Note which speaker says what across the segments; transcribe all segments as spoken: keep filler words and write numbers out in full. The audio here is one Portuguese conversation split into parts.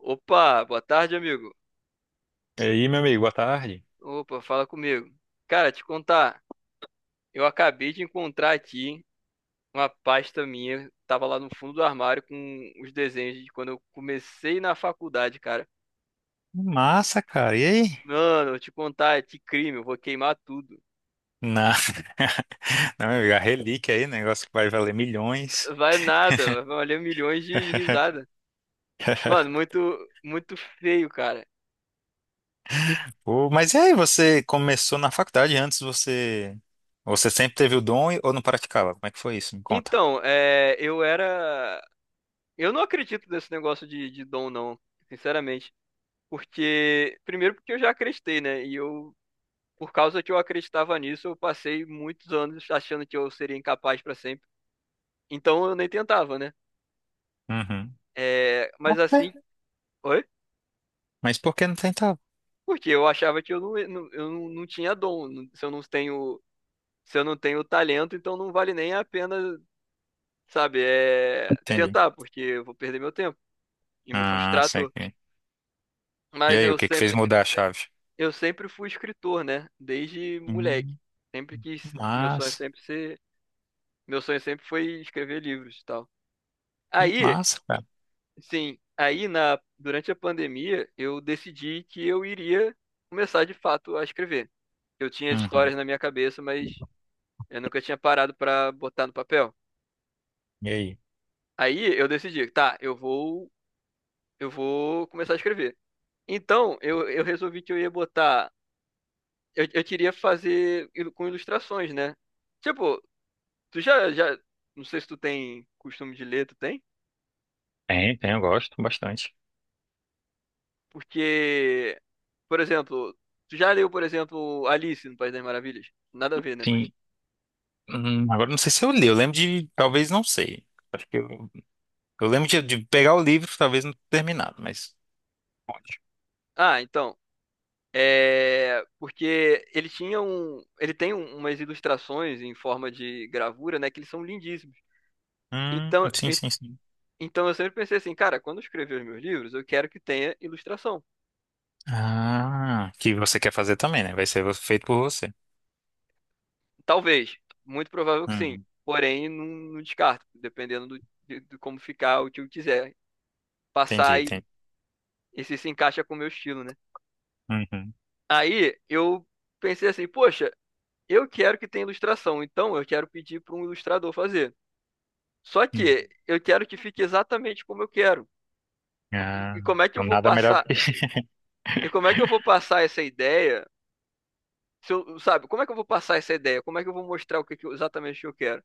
Speaker 1: Opa, boa tarde, amigo.
Speaker 2: E aí, meu amigo, boa tarde.
Speaker 1: Opa, fala comigo. Cara, te contar, eu acabei de encontrar aqui uma pasta minha, tava lá no fundo do armário com os desenhos de quando eu comecei na faculdade, cara.
Speaker 2: Massa, cara. E aí?
Speaker 1: Mano, eu te contar, é de crime, eu vou queimar tudo.
Speaker 2: Na... Não, meu amigo, a relíquia aí, negócio que vai valer milhões.
Speaker 1: Vai nada, vai valer milhões de risada. Mano, muito, muito feio, cara. E-
Speaker 2: Pô, mas e aí, você começou na faculdade antes, você você sempre teve o dom e- ou não praticava? Como é que foi isso? Me conta.
Speaker 1: então, é, eu era. Eu não acredito nesse negócio de, de dom, não, sinceramente. Porque, primeiro, porque eu já acreditei, né? E eu por causa que eu acreditava nisso, eu passei muitos anos achando que eu seria incapaz para sempre. Então eu nem tentava, né?
Speaker 2: Uhum.
Speaker 1: É, mas
Speaker 2: Ok.
Speaker 1: assim, oi?
Speaker 2: Mas por que não tentava?
Speaker 1: Porque eu achava que eu não, não- eu não, não tinha dom. não- Se eu não tenho, se eu não tenho talento, então não vale nem a pena, sabe, é,
Speaker 2: Entendi.
Speaker 1: tentar, porque eu vou perder meu tempo e me
Speaker 2: Ah,
Speaker 1: frustrar à
Speaker 2: sei
Speaker 1: toa.
Speaker 2: que. E
Speaker 1: Mas
Speaker 2: aí, o
Speaker 1: eu
Speaker 2: que que fez
Speaker 1: sempre,
Speaker 2: mudar a chave?
Speaker 1: eu sempre fui escritor, né? Desde moleque.
Speaker 2: Hum,
Speaker 1: Sempre quis, meu sonho
Speaker 2: Massa.
Speaker 1: sempre ser, meu sonho sempre foi escrever livros e tal.
Speaker 2: Que
Speaker 1: Aí,
Speaker 2: massa, cara.
Speaker 1: sim, aí na, durante a pandemia eu decidi que eu iria começar de fato a escrever. Eu tinha as histórias
Speaker 2: Uhum.
Speaker 1: na minha cabeça, mas eu nunca tinha parado para botar no papel.
Speaker 2: E aí?
Speaker 1: Aí eu decidi, tá, eu vou, eu vou começar a escrever. Então eu, eu resolvi que eu ia botar, eu, eu queria fazer ilu- com ilustrações, né? Tipo, tu já, já, não sei se tu tem costume de ler, tu tem?
Speaker 2: Tem, tem, eu gosto bastante.
Speaker 1: Porque, por exemplo, tu já leu, por exemplo, Alice no País das Maravilhas? Nada a ver, né? Mas.
Speaker 2: Sim, hum, agora não sei se eu li, eu lembro de, talvez não sei. Acho que eu, eu lembro de, de pegar o livro, talvez não ter terminado, mas pode.
Speaker 1: Ah, então. É. Porque ele tinha um. Ele tem um- umas ilustrações em forma de gravura, né? Que eles são lindíssimos.
Speaker 2: Hum,
Speaker 1: Então,
Speaker 2: sim,
Speaker 1: e-
Speaker 2: sim, sim.
Speaker 1: então eu sempre pensei assim, cara, quando eu escrever os meus livros, eu quero que tenha ilustração.
Speaker 2: Ah, que você quer fazer também, né? Vai ser feito por você.
Speaker 1: Talvez. Muito provável que sim.
Speaker 2: Hum,
Speaker 1: Porém, não, não descarto, dependendo do, de, de como ficar, o que eu quiser
Speaker 2: entendi,
Speaker 1: passar e,
Speaker 2: entendi.
Speaker 1: e se se encaixa com o meu estilo, né?
Speaker 2: Uhum,
Speaker 1: Aí eu pensei assim, poxa. Eu quero que tenha ilustração, então eu quero pedir para um ilustrador fazer. Só
Speaker 2: hum.
Speaker 1: que eu quero que fique exatamente como eu quero.
Speaker 2: Ah,
Speaker 1: E como é que eu
Speaker 2: então
Speaker 1: vou
Speaker 2: nada melhor do
Speaker 1: passar?
Speaker 2: que.
Speaker 1: E como é que eu vou passar essa ideia? Se eu- Sabe, como é que eu vou passar essa ideia? Como é que eu vou mostrar o que que eu- exatamente o que eu quero?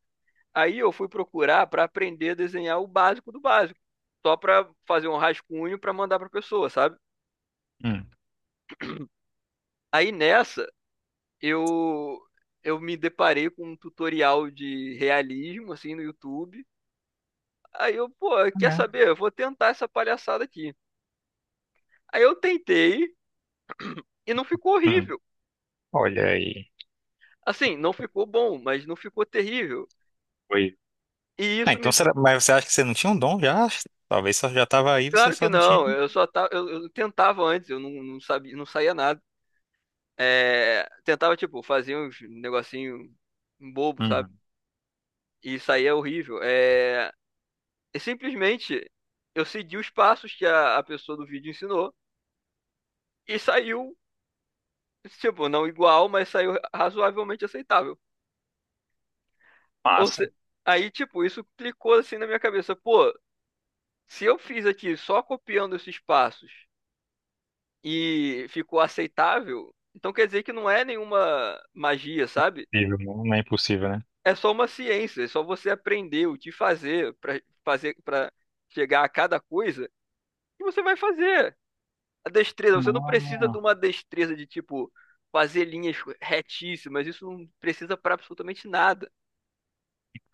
Speaker 1: Aí eu fui procurar para aprender a desenhar o básico do básico, só para fazer um rascunho para mandar para pessoa, sabe?
Speaker 2: Hum,
Speaker 1: Aí nessa eu eu me deparei com um tutorial de realismo assim no YouTube. Aí eu, pô, quer
Speaker 2: né?
Speaker 1: saber? Eu vou tentar essa palhaçada aqui. Aí eu tentei e não ficou
Speaker 2: Hum,
Speaker 1: horrível.
Speaker 2: Olha aí.
Speaker 1: Assim, não ficou bom, mas não ficou terrível.
Speaker 2: Foi.
Speaker 1: E
Speaker 2: Ah,
Speaker 1: isso
Speaker 2: então
Speaker 1: me.
Speaker 2: será... Mas você acha que você não tinha um dom já? Talvez só já estava aí, você
Speaker 1: Claro que
Speaker 2: só não tinha.
Speaker 1: não, eu só tava, eu, eu tentava antes, eu não, não sabia, não saía nada. É, tentava, tipo, fazer uns negocinho bobo, sabe?
Speaker 2: Uhum.
Speaker 1: E saía horrível. É, e simplesmente eu segui os passos que a, a pessoa do vídeo ensinou e saiu, tipo, não igual, mas saiu razoavelmente aceitável. Ou se...
Speaker 2: Massa.
Speaker 1: Aí, tipo, isso clicou assim na minha cabeça. Pô, se eu fiz aqui só copiando esses passos e ficou aceitável, então quer dizer que não é nenhuma magia, sabe?
Speaker 2: Impossível, não é impossível, né?
Speaker 1: É só uma ciência, é só você aprender o que fazer para fazer para chegar a cada coisa e você vai fazer. A destreza, você não precisa de
Speaker 2: Não,
Speaker 1: uma destreza de tipo fazer linhas retíssimas, isso não precisa para absolutamente nada.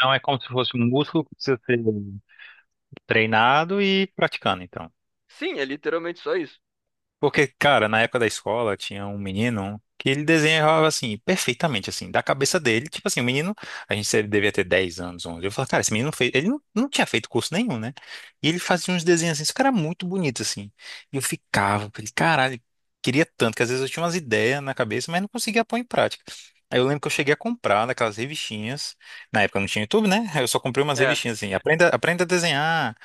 Speaker 2: não é como se fosse um músculo que precisa ser treinado e praticando, então.
Speaker 1: Sim, é literalmente só isso.
Speaker 2: Porque, cara, na época da escola tinha um menino que ele desenhava assim, perfeitamente, assim, da cabeça dele. Tipo assim, o menino, a gente ele devia ter dez anos, onze. Eu falava, cara, esse menino fez. Ele não, não tinha feito curso nenhum, né? E ele fazia uns desenhos assim, isso cara era muito bonito, assim. E eu ficava, falei, caralho, queria tanto, que às vezes eu tinha umas ideias na cabeça, mas não conseguia pôr em prática. Aí eu lembro que eu cheguei a comprar naquelas revistinhas. Na época não tinha YouTube, né? Aí eu só comprei umas
Speaker 1: É,
Speaker 2: revistinhas assim, aprenda, aprenda a desenhar.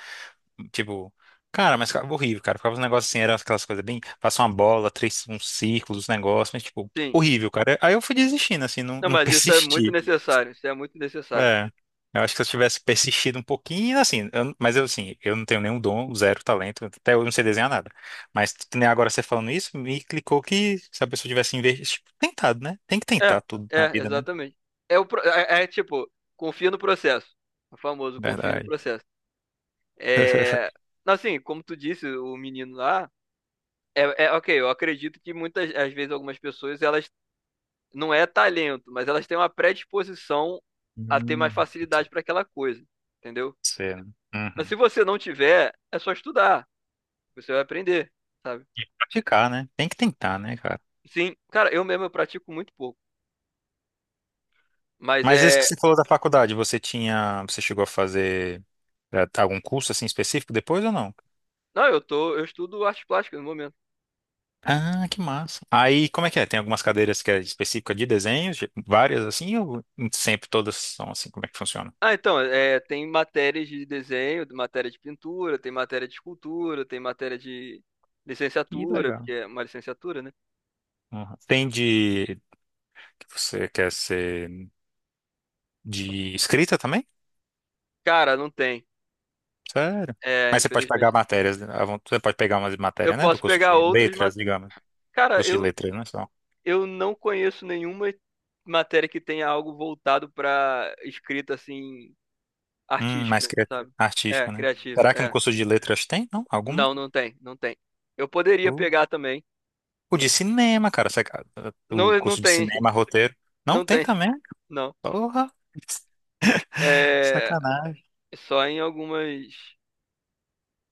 Speaker 2: Tipo, cara, mas ficava horrível, cara. Ficava uns negócios assim, eram aquelas coisas bem. Faça uma bola, três, uns círculos, uns negócios, mas, tipo,
Speaker 1: sim.
Speaker 2: horrível, cara. Aí eu fui desistindo, assim, não,
Speaker 1: Não,
Speaker 2: não
Speaker 1: mas isso é muito
Speaker 2: persisti.
Speaker 1: necessário. Isso é muito necessário.
Speaker 2: É. Eu acho que se eu tivesse persistido um pouquinho, assim, eu- mas eu, assim, eu não tenho nenhum dom, zero talento, até hoje não sei desenhar nada. Mas que nem agora você falando isso, me clicou que se a pessoa tivesse investido, tipo, tentado, né? Tem que tentar
Speaker 1: É,
Speaker 2: tudo na
Speaker 1: é,
Speaker 2: vida, né?
Speaker 1: exatamente. É, o, pro- é, é, é tipo, confia no processo. O famoso confia no
Speaker 2: Verdade.
Speaker 1: processo. É, assim, como tu disse, o menino lá, é, é ok, eu acredito que muitas, às vezes, algumas pessoas, elas não é talento, mas elas têm uma predisposição a ter mais
Speaker 2: Hum, pode
Speaker 1: facilidade para aquela coisa, entendeu?
Speaker 2: ser, né?
Speaker 1: Mas se
Speaker 2: Uhum.
Speaker 1: você não tiver, é só estudar. Você vai aprender, sabe?
Speaker 2: E praticar, né? Tem que tentar, né, cara?
Speaker 1: Sim, cara, eu mesmo eu pratico muito pouco. Mas
Speaker 2: Mas esse que
Speaker 1: é.
Speaker 2: você falou da faculdade, você tinha, você chegou a fazer eh, algum curso assim específico depois ou não?
Speaker 1: Não, eu tô, eu estudo artes plásticas no momento.
Speaker 2: Ah, que massa. Aí, como é que é? Tem algumas cadeiras que é específica de desenho, de- várias assim, ou sempre todas são assim? Como é que funciona?
Speaker 1: Ah, então, é, tem matérias de desenho, matéria de pintura, tem matéria de escultura, tem matéria de
Speaker 2: Que
Speaker 1: licenciatura,
Speaker 2: legal.
Speaker 1: porque é uma licenciatura, né?
Speaker 2: Aham. Tem de, que você quer ser de escrita também?
Speaker 1: Cara, não tem.
Speaker 2: Sério?
Speaker 1: É,
Speaker 2: Mas você pode pegar
Speaker 1: infelizmente.
Speaker 2: matérias, né, à von- você pode pegar umas
Speaker 1: Eu
Speaker 2: matérias, né, do
Speaker 1: posso
Speaker 2: curso
Speaker 1: pegar
Speaker 2: de
Speaker 1: outras, mas,
Speaker 2: letras, digamos,
Speaker 1: cara,
Speaker 2: curso de
Speaker 1: eu,
Speaker 2: letras, né, só.
Speaker 1: eu não conheço nenhuma matéria que tenha algo voltado pra escrita assim
Speaker 2: Hum, mais
Speaker 1: artística,
Speaker 2: cria-
Speaker 1: sabe?
Speaker 2: artística,
Speaker 1: É,
Speaker 2: né?
Speaker 1: criativa,
Speaker 2: Será que no
Speaker 1: é.
Speaker 2: curso de letras tem? Não? Alguma?
Speaker 1: Não, não tem, não tem. Eu poderia pegar também.
Speaker 2: O de cinema, cara. saca- O
Speaker 1: Não, não
Speaker 2: curso de
Speaker 1: tem,
Speaker 2: cinema, roteiro. Não
Speaker 1: não
Speaker 2: tem
Speaker 1: tem.
Speaker 2: também?
Speaker 1: Não.
Speaker 2: Porra,
Speaker 1: É,
Speaker 2: sacanagem.
Speaker 1: só em algumas,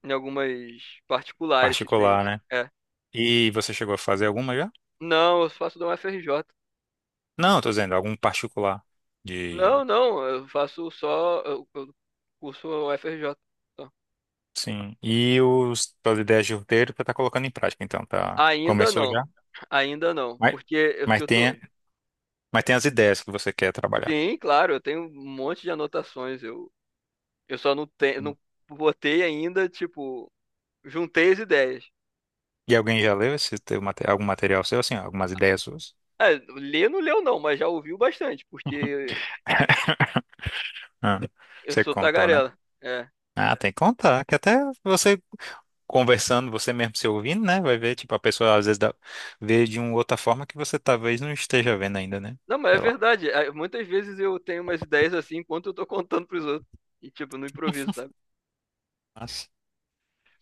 Speaker 1: em algumas particulares que tem
Speaker 2: Particular,
Speaker 1: isso.
Speaker 2: né?
Speaker 1: É.
Speaker 2: E você chegou a fazer alguma já?
Speaker 1: Não, eu faço da U F R J.
Speaker 2: Não, tô dizendo, algum particular. De.
Speaker 1: Não, não, eu faço só, eu, eu curso U F R J. Só.
Speaker 2: Sim. E os, as ideias de roteiro você tá colocando em prática, então, tá?
Speaker 1: Ainda
Speaker 2: Começou
Speaker 1: não,
Speaker 2: já?
Speaker 1: ainda não,
Speaker 2: Mas,
Speaker 1: porque eu,
Speaker 2: mas
Speaker 1: eu tô,
Speaker 2: tem, mas tem as ideias que você quer trabalhar.
Speaker 1: sim, claro, eu tenho um monte de anotações, eu, eu só não tenho, não botei ainda, tipo, juntei as ideias.
Speaker 2: E alguém já leu esse teu, mate- algum material seu, assim, algumas ideias suas?
Speaker 1: É, ler não leu não, mas já ouviu bastante, porque
Speaker 2: Ah,
Speaker 1: eu
Speaker 2: você
Speaker 1: sou
Speaker 2: contou, né?
Speaker 1: tagarela. É.
Speaker 2: Ah, tem que contar, que até você conversando, você mesmo se ouvindo, né? Vai ver, tipo, a pessoa às vezes dá, vê de uma outra forma que você talvez não esteja vendo ainda, né?
Speaker 1: Não, mas é
Speaker 2: Sei lá.
Speaker 1: verdade. Ah, muitas vezes eu tenho umas ideias assim enquanto eu tô contando pros outros. E, tipo, no improviso, sabe?
Speaker 2: Mas,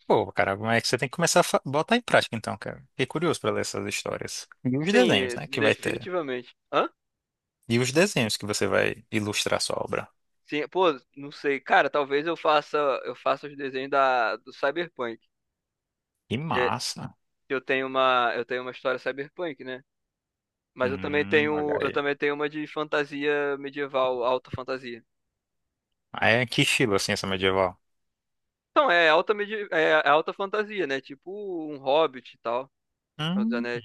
Speaker 2: pô, cara, como é que você tem que começar a fa- botar em prática então, cara? Fiquei curioso pra ler essas histórias. E os
Speaker 1: Sim,
Speaker 2: desenhos,
Speaker 1: é,
Speaker 2: né? Que vai ter.
Speaker 1: definitivamente. Hã?
Speaker 2: E os desenhos que você vai ilustrar sua obra.
Speaker 1: Sim, pô, não sei. Cara, talvez eu faça, eu faça os desenhos da, do Cyberpunk.
Speaker 2: Que
Speaker 1: Porque
Speaker 2: massa!
Speaker 1: eu tenho uma, eu tenho uma história Cyberpunk, né? Mas eu também
Speaker 2: Hum, olha
Speaker 1: tenho, eu
Speaker 2: aí.
Speaker 1: também tenho uma de fantasia medieval, alta fantasia.
Speaker 2: Ah, é que estilo, assim, essa medieval?
Speaker 1: Então, é alta, medi é é alta fantasia, né? Tipo um Hobbit e tal. Senhor dos
Speaker 2: Hum,
Speaker 1: Anéis.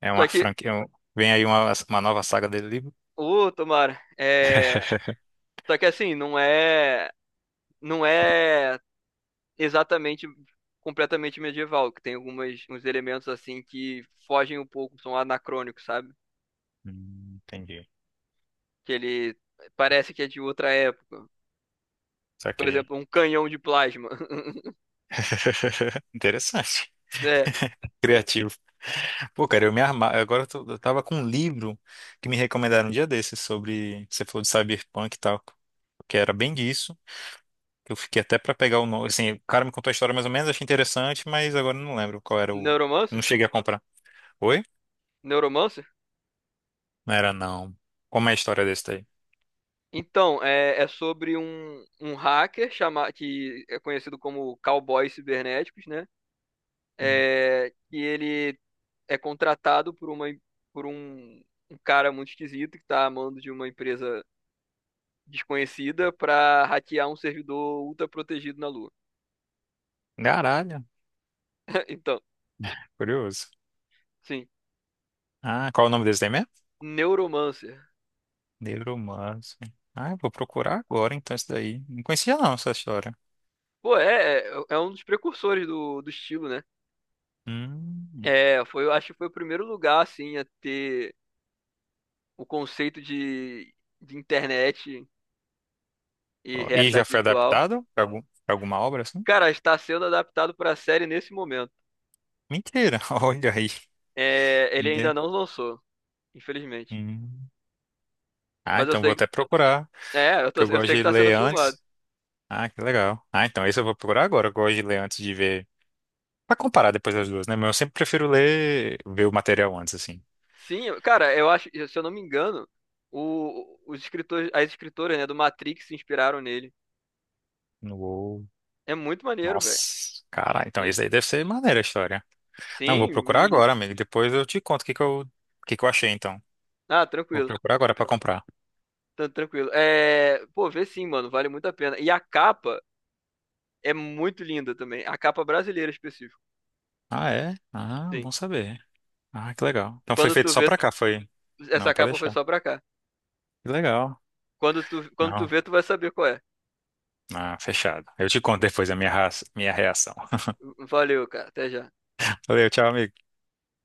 Speaker 2: É
Speaker 1: Só
Speaker 2: uma
Speaker 1: que,
Speaker 2: franquia. um- Vem aí uma, uma nova saga dele livro?
Speaker 1: ô, tomara, é... Só que assim, não é. não é exatamente completamente medieval, que tem algumas uns elementos assim que fogem um pouco, são anacrônicos, sabe?
Speaker 2: Hum, entendi.
Speaker 1: Que ele parece que é de outra época. Por
Speaker 2: Saquei.
Speaker 1: exemplo, um canhão de plasma.
Speaker 2: Interessante.
Speaker 1: É,
Speaker 2: Criativo. Pô, cara, eu me armar. Agora eu, tô- eu tava com um livro que me recomendaram um dia desses sobre. Você falou de cyberpunk e tal, que era bem disso. Que eu fiquei até pra pegar o nome. Assim, o cara me contou a história mais ou menos, achei interessante, mas agora eu não lembro qual era o.
Speaker 1: Neuromancer?
Speaker 2: Não cheguei a comprar. Oi?
Speaker 1: Neuromancer?
Speaker 2: Não era, não. Como é a história desse daí?
Speaker 1: Então, é, é sobre um, um hacker chama, que é conhecido como cowboys cibernéticos, né?
Speaker 2: Hum.
Speaker 1: É, que ele é contratado por uma por um, um cara muito esquisito que tá amando de uma empresa desconhecida para hackear um servidor ultra protegido na Lua.
Speaker 2: Caralho,
Speaker 1: Então,
Speaker 2: curioso.
Speaker 1: sim.
Speaker 2: Ah, qual é o nome desse daí mesmo?
Speaker 1: Neuromancer.
Speaker 2: Neuromancer. Ah, eu vou procurar agora então isso daí. Não conhecia não essa história.
Speaker 1: Pô, é, é- é um dos precursores do, do estilo, né?
Speaker 2: Hum.
Speaker 1: É, foi, eu acho que foi o primeiro lugar, assim, a ter o conceito de, de internet e
Speaker 2: Ó, e já
Speaker 1: realidade
Speaker 2: foi
Speaker 1: virtual.
Speaker 2: adaptado pra, algum, pra alguma obra assim?
Speaker 1: Cara, está sendo adaptado pra série nesse momento.
Speaker 2: Mentira, olha aí.
Speaker 1: É, ele
Speaker 2: Né?
Speaker 1: ainda não lançou, infelizmente.
Speaker 2: Hum. Ah,
Speaker 1: Mas eu
Speaker 2: então vou
Speaker 1: sei que,
Speaker 2: até procurar,
Speaker 1: é, eu, tô-
Speaker 2: porque eu
Speaker 1: eu
Speaker 2: gosto
Speaker 1: sei que
Speaker 2: de
Speaker 1: tá sendo
Speaker 2: ler
Speaker 1: filmado.
Speaker 2: antes. Ah, que legal. Ah, então esse eu vou procurar agora. Eu gosto de ler antes de ver. Pra comparar depois as duas, né? Mas eu sempre prefiro ler, ver o material antes, assim.
Speaker 1: Sim, eu- cara, eu acho, se eu não me engano, o, os escritores, as escritoras, né, do Matrix se inspiraram nele.
Speaker 2: Não vou.
Speaker 1: É muito maneiro, velho.
Speaker 2: Nossa, cara, então
Speaker 1: Sim,
Speaker 2: esse aí deve ser maneira a história. Não, vou
Speaker 1: sim, o
Speaker 2: procurar
Speaker 1: William
Speaker 2: agora,
Speaker 1: Gibson.
Speaker 2: amigo. Depois eu te conto o que que eu, o que que eu achei, então.
Speaker 1: Ah,
Speaker 2: Vou
Speaker 1: tranquilo,
Speaker 2: procurar agora pra comprar.
Speaker 1: tá tranquilo. É, pô, vê sim, mano, vale muito a pena. E a capa é muito linda também, a capa brasileira específico.
Speaker 2: Ah, é? Ah,
Speaker 1: Sim.
Speaker 2: bom saber. Ah, que legal. Então foi
Speaker 1: Quando
Speaker 2: feito
Speaker 1: tu
Speaker 2: só
Speaker 1: vê,
Speaker 2: pra cá, foi? Não,
Speaker 1: essa
Speaker 2: pode
Speaker 1: capa foi
Speaker 2: deixar.
Speaker 1: só pra cá.
Speaker 2: Que legal.
Speaker 1: Quando tu, quando tu
Speaker 2: Não.
Speaker 1: vê, tu vai saber qual é.
Speaker 2: Ah, fechado. Eu te conto depois a minha, ra- minha reação.
Speaker 1: Valeu, cara, até já.
Speaker 2: Valeu, tchau, amigo.